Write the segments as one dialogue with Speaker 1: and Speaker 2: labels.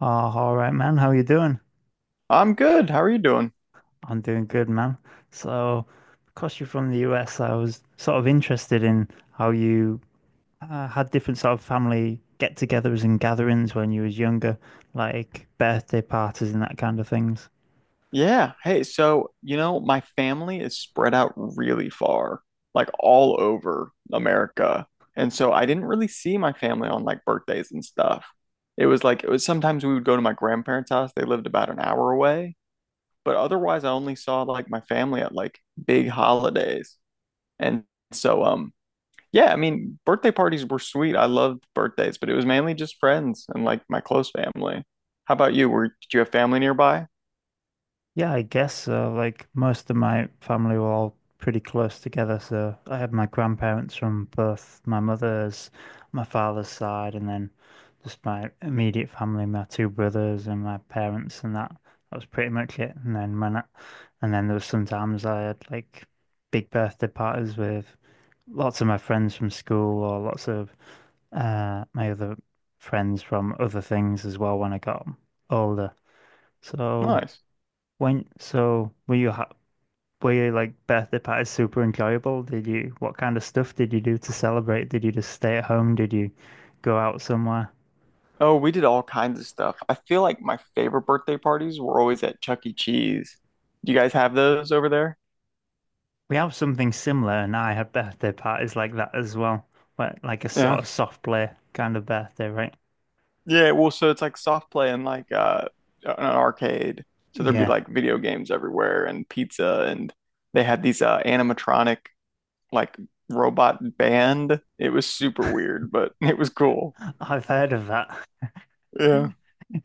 Speaker 1: Oh, all right, man. How you doing?
Speaker 2: I'm good. How are you doing?
Speaker 1: I'm doing good, man. So, because you're from the US, I was sort of interested in how you had different sort of family get-togethers and gatherings when you was younger, like birthday parties and that kind of things.
Speaker 2: Yeah. Hey, so, my family is spread out really far, like all over America. And so I didn't really see my family on like birthdays and stuff. It was like it was sometimes we would go to my grandparents' house. They lived about an hour away, but otherwise I only saw like my family at like big holidays. And so yeah, I mean, birthday parties were sweet. I loved birthdays, but it was mainly just friends and like my close family. How about you? Were did you have family nearby?
Speaker 1: Yeah, I guess so. Like most of my family were all pretty close together, so I had my grandparents from both my mother's, my father's side, and then just my immediate family, my two brothers and my parents, and that was pretty much it. And then there was sometimes I had like big birthday parties with lots of my friends from school or lots of my other friends from other things as well when I got older. So.
Speaker 2: Nice.
Speaker 1: When so were you ha were you like birthday parties super enjoyable? Did you what kind of stuff did you do to celebrate? Did you just stay at home? Did you go out somewhere?
Speaker 2: Oh, we did all kinds of stuff. I feel like my favorite birthday parties were always at Chuck E. Cheese. Do you guys have those over there?
Speaker 1: We have something similar, and I had birthday parties like that as well, where like a sort
Speaker 2: Yeah.
Speaker 1: of soft play kind of birthday, right?
Speaker 2: Yeah, well, so it's like soft play and like an arcade. So there'd be
Speaker 1: Yeah,
Speaker 2: like video games everywhere and pizza and they had these animatronic like robot band. It was super weird, but it was cool.
Speaker 1: I've heard of that.
Speaker 2: Yeah.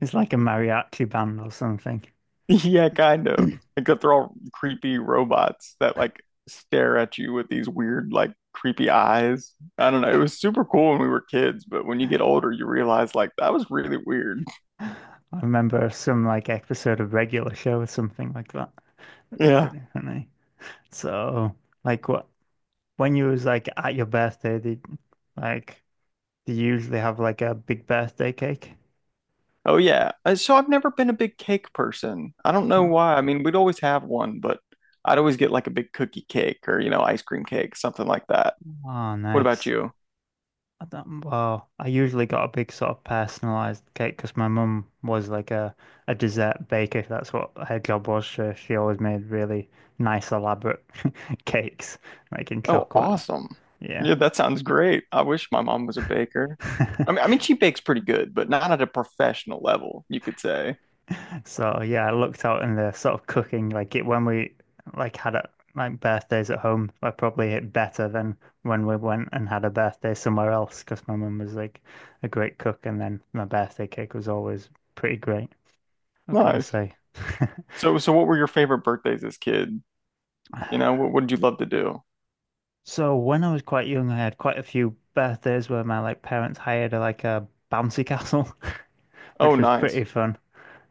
Speaker 1: It's like a mariachi band or something.
Speaker 2: Yeah, kind of. Except they're all creepy robots that like stare at you with these weird, like creepy eyes. I don't know. It was super cool when we were kids, but when you get older, you realize like that was really weird.
Speaker 1: I remember some like episode of Regular Show or something like that.
Speaker 2: Yeah.
Speaker 1: Pretty funny. So like what? When you was like at your birthday, did like do you usually have like a big birthday cake?
Speaker 2: Oh yeah. So I've never been a big cake person. I don't know
Speaker 1: Mm.
Speaker 2: why. I mean, we'd always have one, but I'd always get like a big cookie cake or, you know, ice cream cake, something like that.
Speaker 1: Oh,
Speaker 2: What about
Speaker 1: nice.
Speaker 2: you?
Speaker 1: I don't, well, I usually got a big sort of personalized cake because my mum was like a dessert baker. That's what her job was. So she always made really nice, elaborate cakes, like in
Speaker 2: Oh,
Speaker 1: chocolate.
Speaker 2: awesome.
Speaker 1: Yeah.
Speaker 2: Yeah, that sounds great. I wish my mom was a baker. I mean, I mean, she bakes pretty good, but not at a professional level, you could say.
Speaker 1: So yeah, I looked out in the sort of cooking, like it when we like had like birthdays at home, I probably hit better than when we went and had a birthday somewhere else because my mum was like a great cook, and then my birthday cake was always pretty great. I've got to
Speaker 2: Nice.
Speaker 1: say.
Speaker 2: So, what were your favorite birthdays as kid? You know, what did you love to do?
Speaker 1: So when I was quite young, I had quite a few birthdays where my like parents hired like a bouncy castle,
Speaker 2: Oh,
Speaker 1: which was pretty
Speaker 2: nice.
Speaker 1: fun.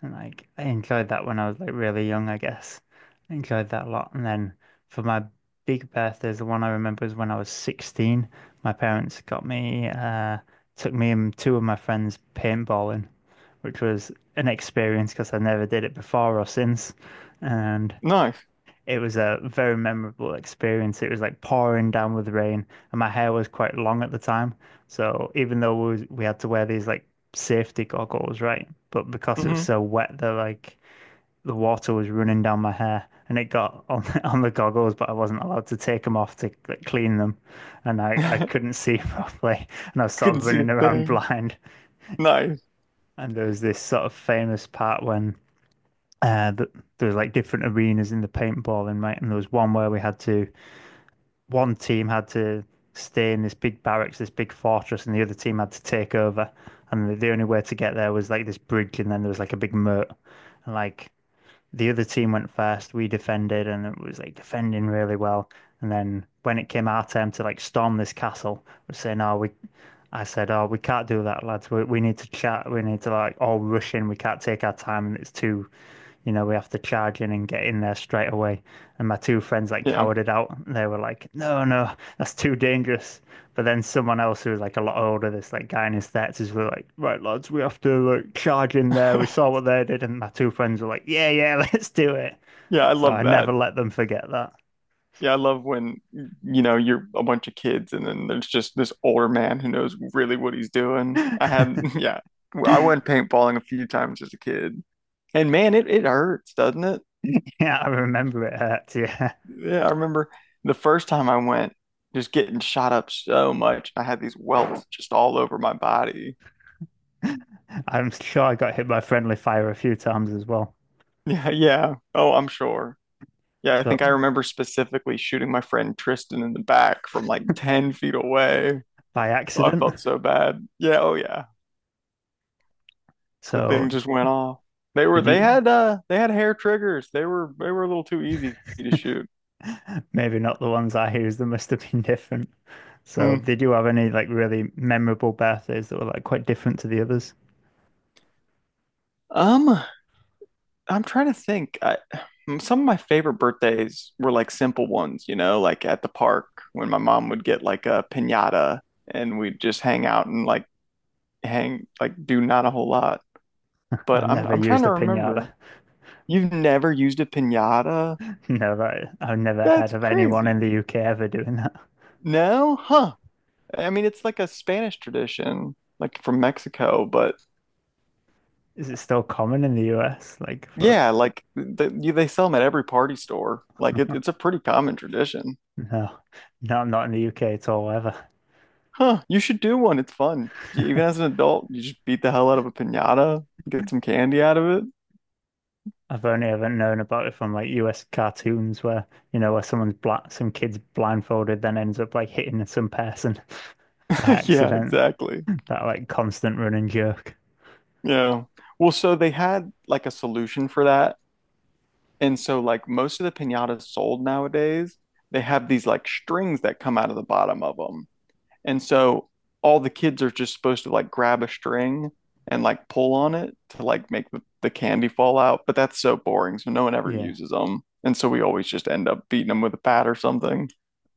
Speaker 1: And like I enjoyed that when I was like really young, I guess. I enjoyed that a lot. And then for my big birthdays, the one I remember is when I was 16. My parents got me, took me and two of my friends paintballing, which was an experience because I never did it before or since. And
Speaker 2: Nice.
Speaker 1: it was a very memorable experience. It was like pouring down with rain, and my hair was quite long at the time. So even though we had to wear these like safety goggles, right? But because it was
Speaker 2: hmm
Speaker 1: so wet, the water was running down my hair, and it got on on the goggles, but I wasn't allowed to take them off to like, clean them, and I couldn't see properly, and I was sort
Speaker 2: Couldn't
Speaker 1: of
Speaker 2: see a
Speaker 1: running around
Speaker 2: thing.
Speaker 1: blind.
Speaker 2: Nice.
Speaker 1: And there was this sort of famous part when th there was like different arenas in the paintballing, right? And there was one where we had to one team had to stay in this big barracks, this big fortress, and the other team had to take over. And the only way to get there was like this bridge, and then there was like a big moat. And like the other team went first. We defended, and it was like defending really well. And then when it came our turn to like storm this castle, we are saying, "Oh, we," I said, "Oh, we can't do that, lads. We need to chat. We need to like all rush in. We can't take our time, and it's too." You know, we have to charge in and get in there straight away. And my two friends like
Speaker 2: Yeah.
Speaker 1: cowered it out. They were like, no, no, that's too dangerous. But then someone else who was like a lot older, this like guy in his thirties, were like, "Right, lads, we have to like charge in there." We saw what they did, and my two friends were like, "Yeah, yeah, let's do it."
Speaker 2: Yeah, I
Speaker 1: So I
Speaker 2: love
Speaker 1: never
Speaker 2: that.
Speaker 1: let them forget that.
Speaker 2: Yeah, I love when you know you're a bunch of kids and then there's just this older man who knows really what he's doing. I had yeah, well, I went paintballing a few times as a kid. And man, it hurts, doesn't it?
Speaker 1: Yeah, I remember it hurt. Yeah,
Speaker 2: Yeah, I remember the first time I went just getting shot up so much. I had these welts just all over my body.
Speaker 1: I'm sure I got hit by friendly fire a few times as well.
Speaker 2: Yeah, yeah. Oh, I'm sure. Yeah, I think I
Speaker 1: So
Speaker 2: remember specifically shooting my friend Tristan in the back from like 10 feet away.
Speaker 1: by
Speaker 2: Oh, I
Speaker 1: accident.
Speaker 2: felt so bad. Yeah, oh yeah. The thing
Speaker 1: So
Speaker 2: just went off. They were
Speaker 1: did
Speaker 2: they
Speaker 1: you?
Speaker 2: had they had hair triggers. They were a little too easy to shoot.
Speaker 1: Maybe not the ones I used. They must have been different. So
Speaker 2: Hmm.
Speaker 1: did you have any like really memorable birthdays that were like quite different to the others?
Speaker 2: Um, I'm trying to think. I Some of my favorite birthdays were like simple ones, you know, like at the park when my mom would get like a piñata and we'd just hang out and like hang like do not a whole lot.
Speaker 1: I've
Speaker 2: But I'm
Speaker 1: never
Speaker 2: I'm trying
Speaker 1: used
Speaker 2: to
Speaker 1: a
Speaker 2: remember.
Speaker 1: pinata.
Speaker 2: You've never used a piñata?
Speaker 1: Never. I've never
Speaker 2: That's
Speaker 1: heard of anyone in the
Speaker 2: crazy.
Speaker 1: UK ever doing that.
Speaker 2: No? Huh. I mean, it's like a Spanish tradition, like from Mexico, but
Speaker 1: Is it still common in the US? Like for
Speaker 2: yeah, like they sell them at every party store. Like it's a pretty common tradition.
Speaker 1: no, no, not in the UK at all ever.
Speaker 2: Huh, you should do one. It's fun. Even as an adult, you just beat the hell out of a piñata, get some candy out of it.
Speaker 1: I've only ever known about it from like US cartoons where where someone's black, some kid's blindfolded, then ends up like hitting some person by
Speaker 2: Yeah,
Speaker 1: accident.
Speaker 2: exactly.
Speaker 1: That like constant running jerk.
Speaker 2: Yeah. Well, so they had like a solution for that. And so like most of the piñatas sold nowadays, they have these like strings that come out of the bottom of them. And so all the kids are just supposed to like grab a string and like pull on it to like make the candy fall out. But that's so boring. So no one ever
Speaker 1: Yeah.
Speaker 2: uses them. And so we always just end up beating them with a bat or something.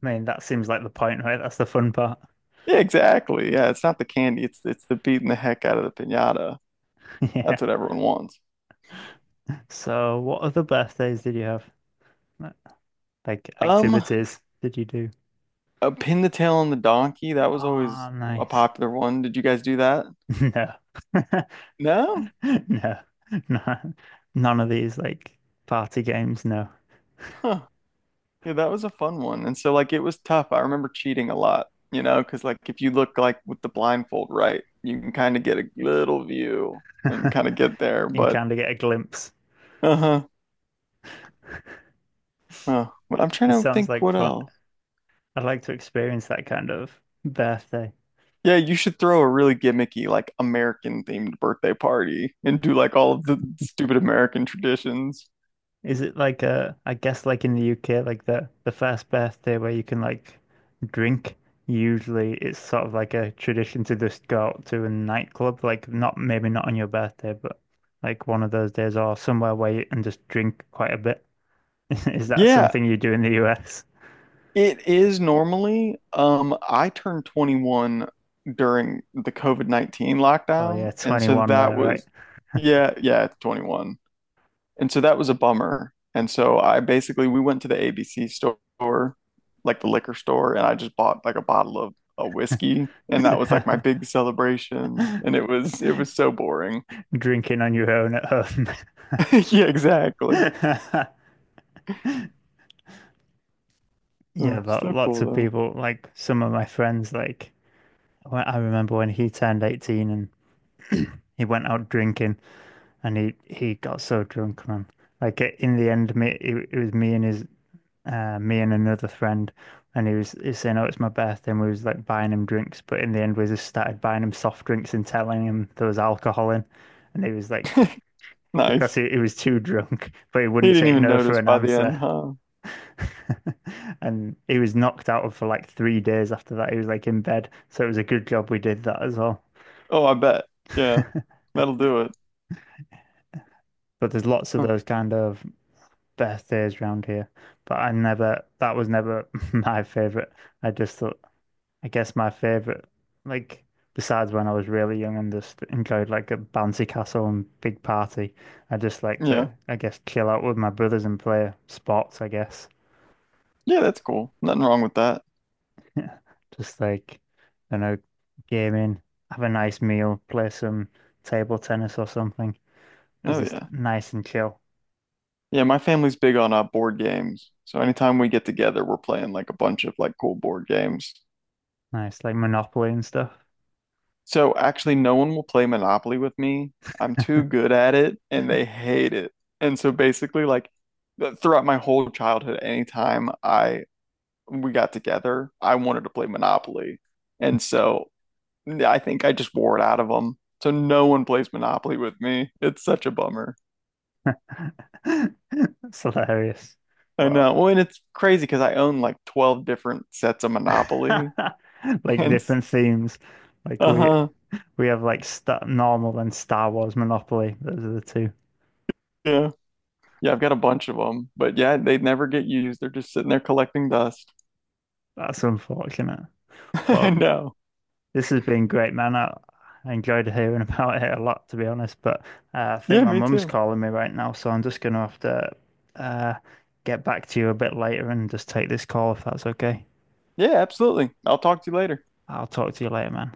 Speaker 1: I mean, that seems like the point, right? That's the fun part.
Speaker 2: Yeah, exactly. Yeah, it's not the candy, it's the beating the heck out of the piñata.
Speaker 1: Yeah.
Speaker 2: That's what everyone wants.
Speaker 1: So, what other birthdays did you have? Like, Like
Speaker 2: Um,
Speaker 1: activities did you do?
Speaker 2: pin the tail on the donkey, that was always
Speaker 1: Ah,
Speaker 2: a
Speaker 1: nice.
Speaker 2: popular one. Did you guys do that?
Speaker 1: No.
Speaker 2: No?
Speaker 1: No. No. None of these like party games, no.
Speaker 2: Huh. Yeah, that was a fun one. And so like it was tough. I remember cheating a lot, you know, because like if you look like with the blindfold right, you can kind of get a little view and kind of get there.
Speaker 1: You can
Speaker 2: But
Speaker 1: kind of get a glimpse.
Speaker 2: uh-huh. But I'm
Speaker 1: It
Speaker 2: trying to
Speaker 1: sounds
Speaker 2: think
Speaker 1: like
Speaker 2: what
Speaker 1: fun.
Speaker 2: else.
Speaker 1: I'd like to experience that kind of birthday.
Speaker 2: Yeah, you should throw a really gimmicky, like American themed birthday party and do like all of the stupid American traditions.
Speaker 1: Is it like I guess like in the UK, like the first birthday where you can like drink, usually it's sort of like a tradition to just go out to a nightclub, like not maybe not on your birthday, but like one of those days or somewhere where you and just drink quite a bit. Is that
Speaker 2: Yeah,
Speaker 1: something you do in the US?
Speaker 2: it is normally. I turned 21 during the COVID-19
Speaker 1: Oh
Speaker 2: lockdown,
Speaker 1: yeah,
Speaker 2: and so
Speaker 1: 21
Speaker 2: that
Speaker 1: there,
Speaker 2: was, yeah, yeah, it's 21. And so that was a bummer. And so I basically we went to the ABC store, like the liquor store, and I just bought like a bottle of a whiskey, and that was like my
Speaker 1: right?
Speaker 2: big celebration. And it was so boring.
Speaker 1: Drinking on your own at home.
Speaker 2: Yeah, exactly.
Speaker 1: Yeah,
Speaker 2: Oh,
Speaker 1: but
Speaker 2: so
Speaker 1: lots
Speaker 2: cool
Speaker 1: of
Speaker 2: though.
Speaker 1: people, like some of my friends, like I remember when he turned 18 and he went out drinking and he got so drunk, man. Like eh, in the end, it was me and his me and another friend, and he was saying, "Oh, it's my birthday," and we was like buying him drinks. But in the end, we just started buying him soft drinks and telling him there was alcohol in, and he was like, because
Speaker 2: Nice.
Speaker 1: he was too drunk, but he
Speaker 2: He
Speaker 1: wouldn't
Speaker 2: didn't
Speaker 1: take
Speaker 2: even
Speaker 1: no for
Speaker 2: notice
Speaker 1: an
Speaker 2: by the end,
Speaker 1: answer.
Speaker 2: huh?
Speaker 1: And he was knocked out of for like 3 days after that. He was like in bed. So it was a good job we did that as well.
Speaker 2: Oh, I bet. Yeah. That'll do it.
Speaker 1: But there's lots of
Speaker 2: Huh.
Speaker 1: those kind of best days round here, but I never, that was never my favorite. I just thought, I guess my favorite, like, besides when I was really young and just enjoyed like a bouncy castle and big party, I just like
Speaker 2: Yeah.
Speaker 1: to, I guess, chill out with my brothers and play sports, I guess.
Speaker 2: Yeah, that's cool. Nothing wrong with that.
Speaker 1: Yeah, just like, you know, gaming, have a nice meal, play some table tennis or something. It was
Speaker 2: Oh
Speaker 1: just
Speaker 2: yeah.
Speaker 1: nice and chill.
Speaker 2: Yeah, my family's big on board games. So anytime we get together, we're playing like a bunch of like cool board games.
Speaker 1: Nice, like Monopoly and stuff.
Speaker 2: So actually no one will play Monopoly with me. I'm too good at it and they hate it. And so basically like throughout my whole childhood, anytime I we got together, I wanted to play Monopoly. And so I think I just wore it out of them. So no one plays Monopoly with me. It's such a bummer.
Speaker 1: It's hilarious.
Speaker 2: I
Speaker 1: Well,
Speaker 2: know. Well, and it's crazy because I own like 12 different sets of Monopoly.
Speaker 1: like
Speaker 2: And
Speaker 1: different themes. Like we
Speaker 2: uh-huh.
Speaker 1: we have like Star normal and Star Wars Monopoly. Those are the two.
Speaker 2: Yeah. Yeah, I've got a bunch of them. But yeah, they never get used. They're just sitting there collecting dust.
Speaker 1: That's unfortunate.
Speaker 2: I
Speaker 1: But
Speaker 2: know.
Speaker 1: this has been great, man. I enjoyed hearing about it a lot, to be honest. But I think
Speaker 2: Yeah,
Speaker 1: my
Speaker 2: me
Speaker 1: mum's
Speaker 2: too.
Speaker 1: calling me right now, so I'm just gonna have to uh, get back to you a bit later and just take this call if that's okay.
Speaker 2: Yeah, absolutely. I'll talk to you later.
Speaker 1: I'll talk to you later, man.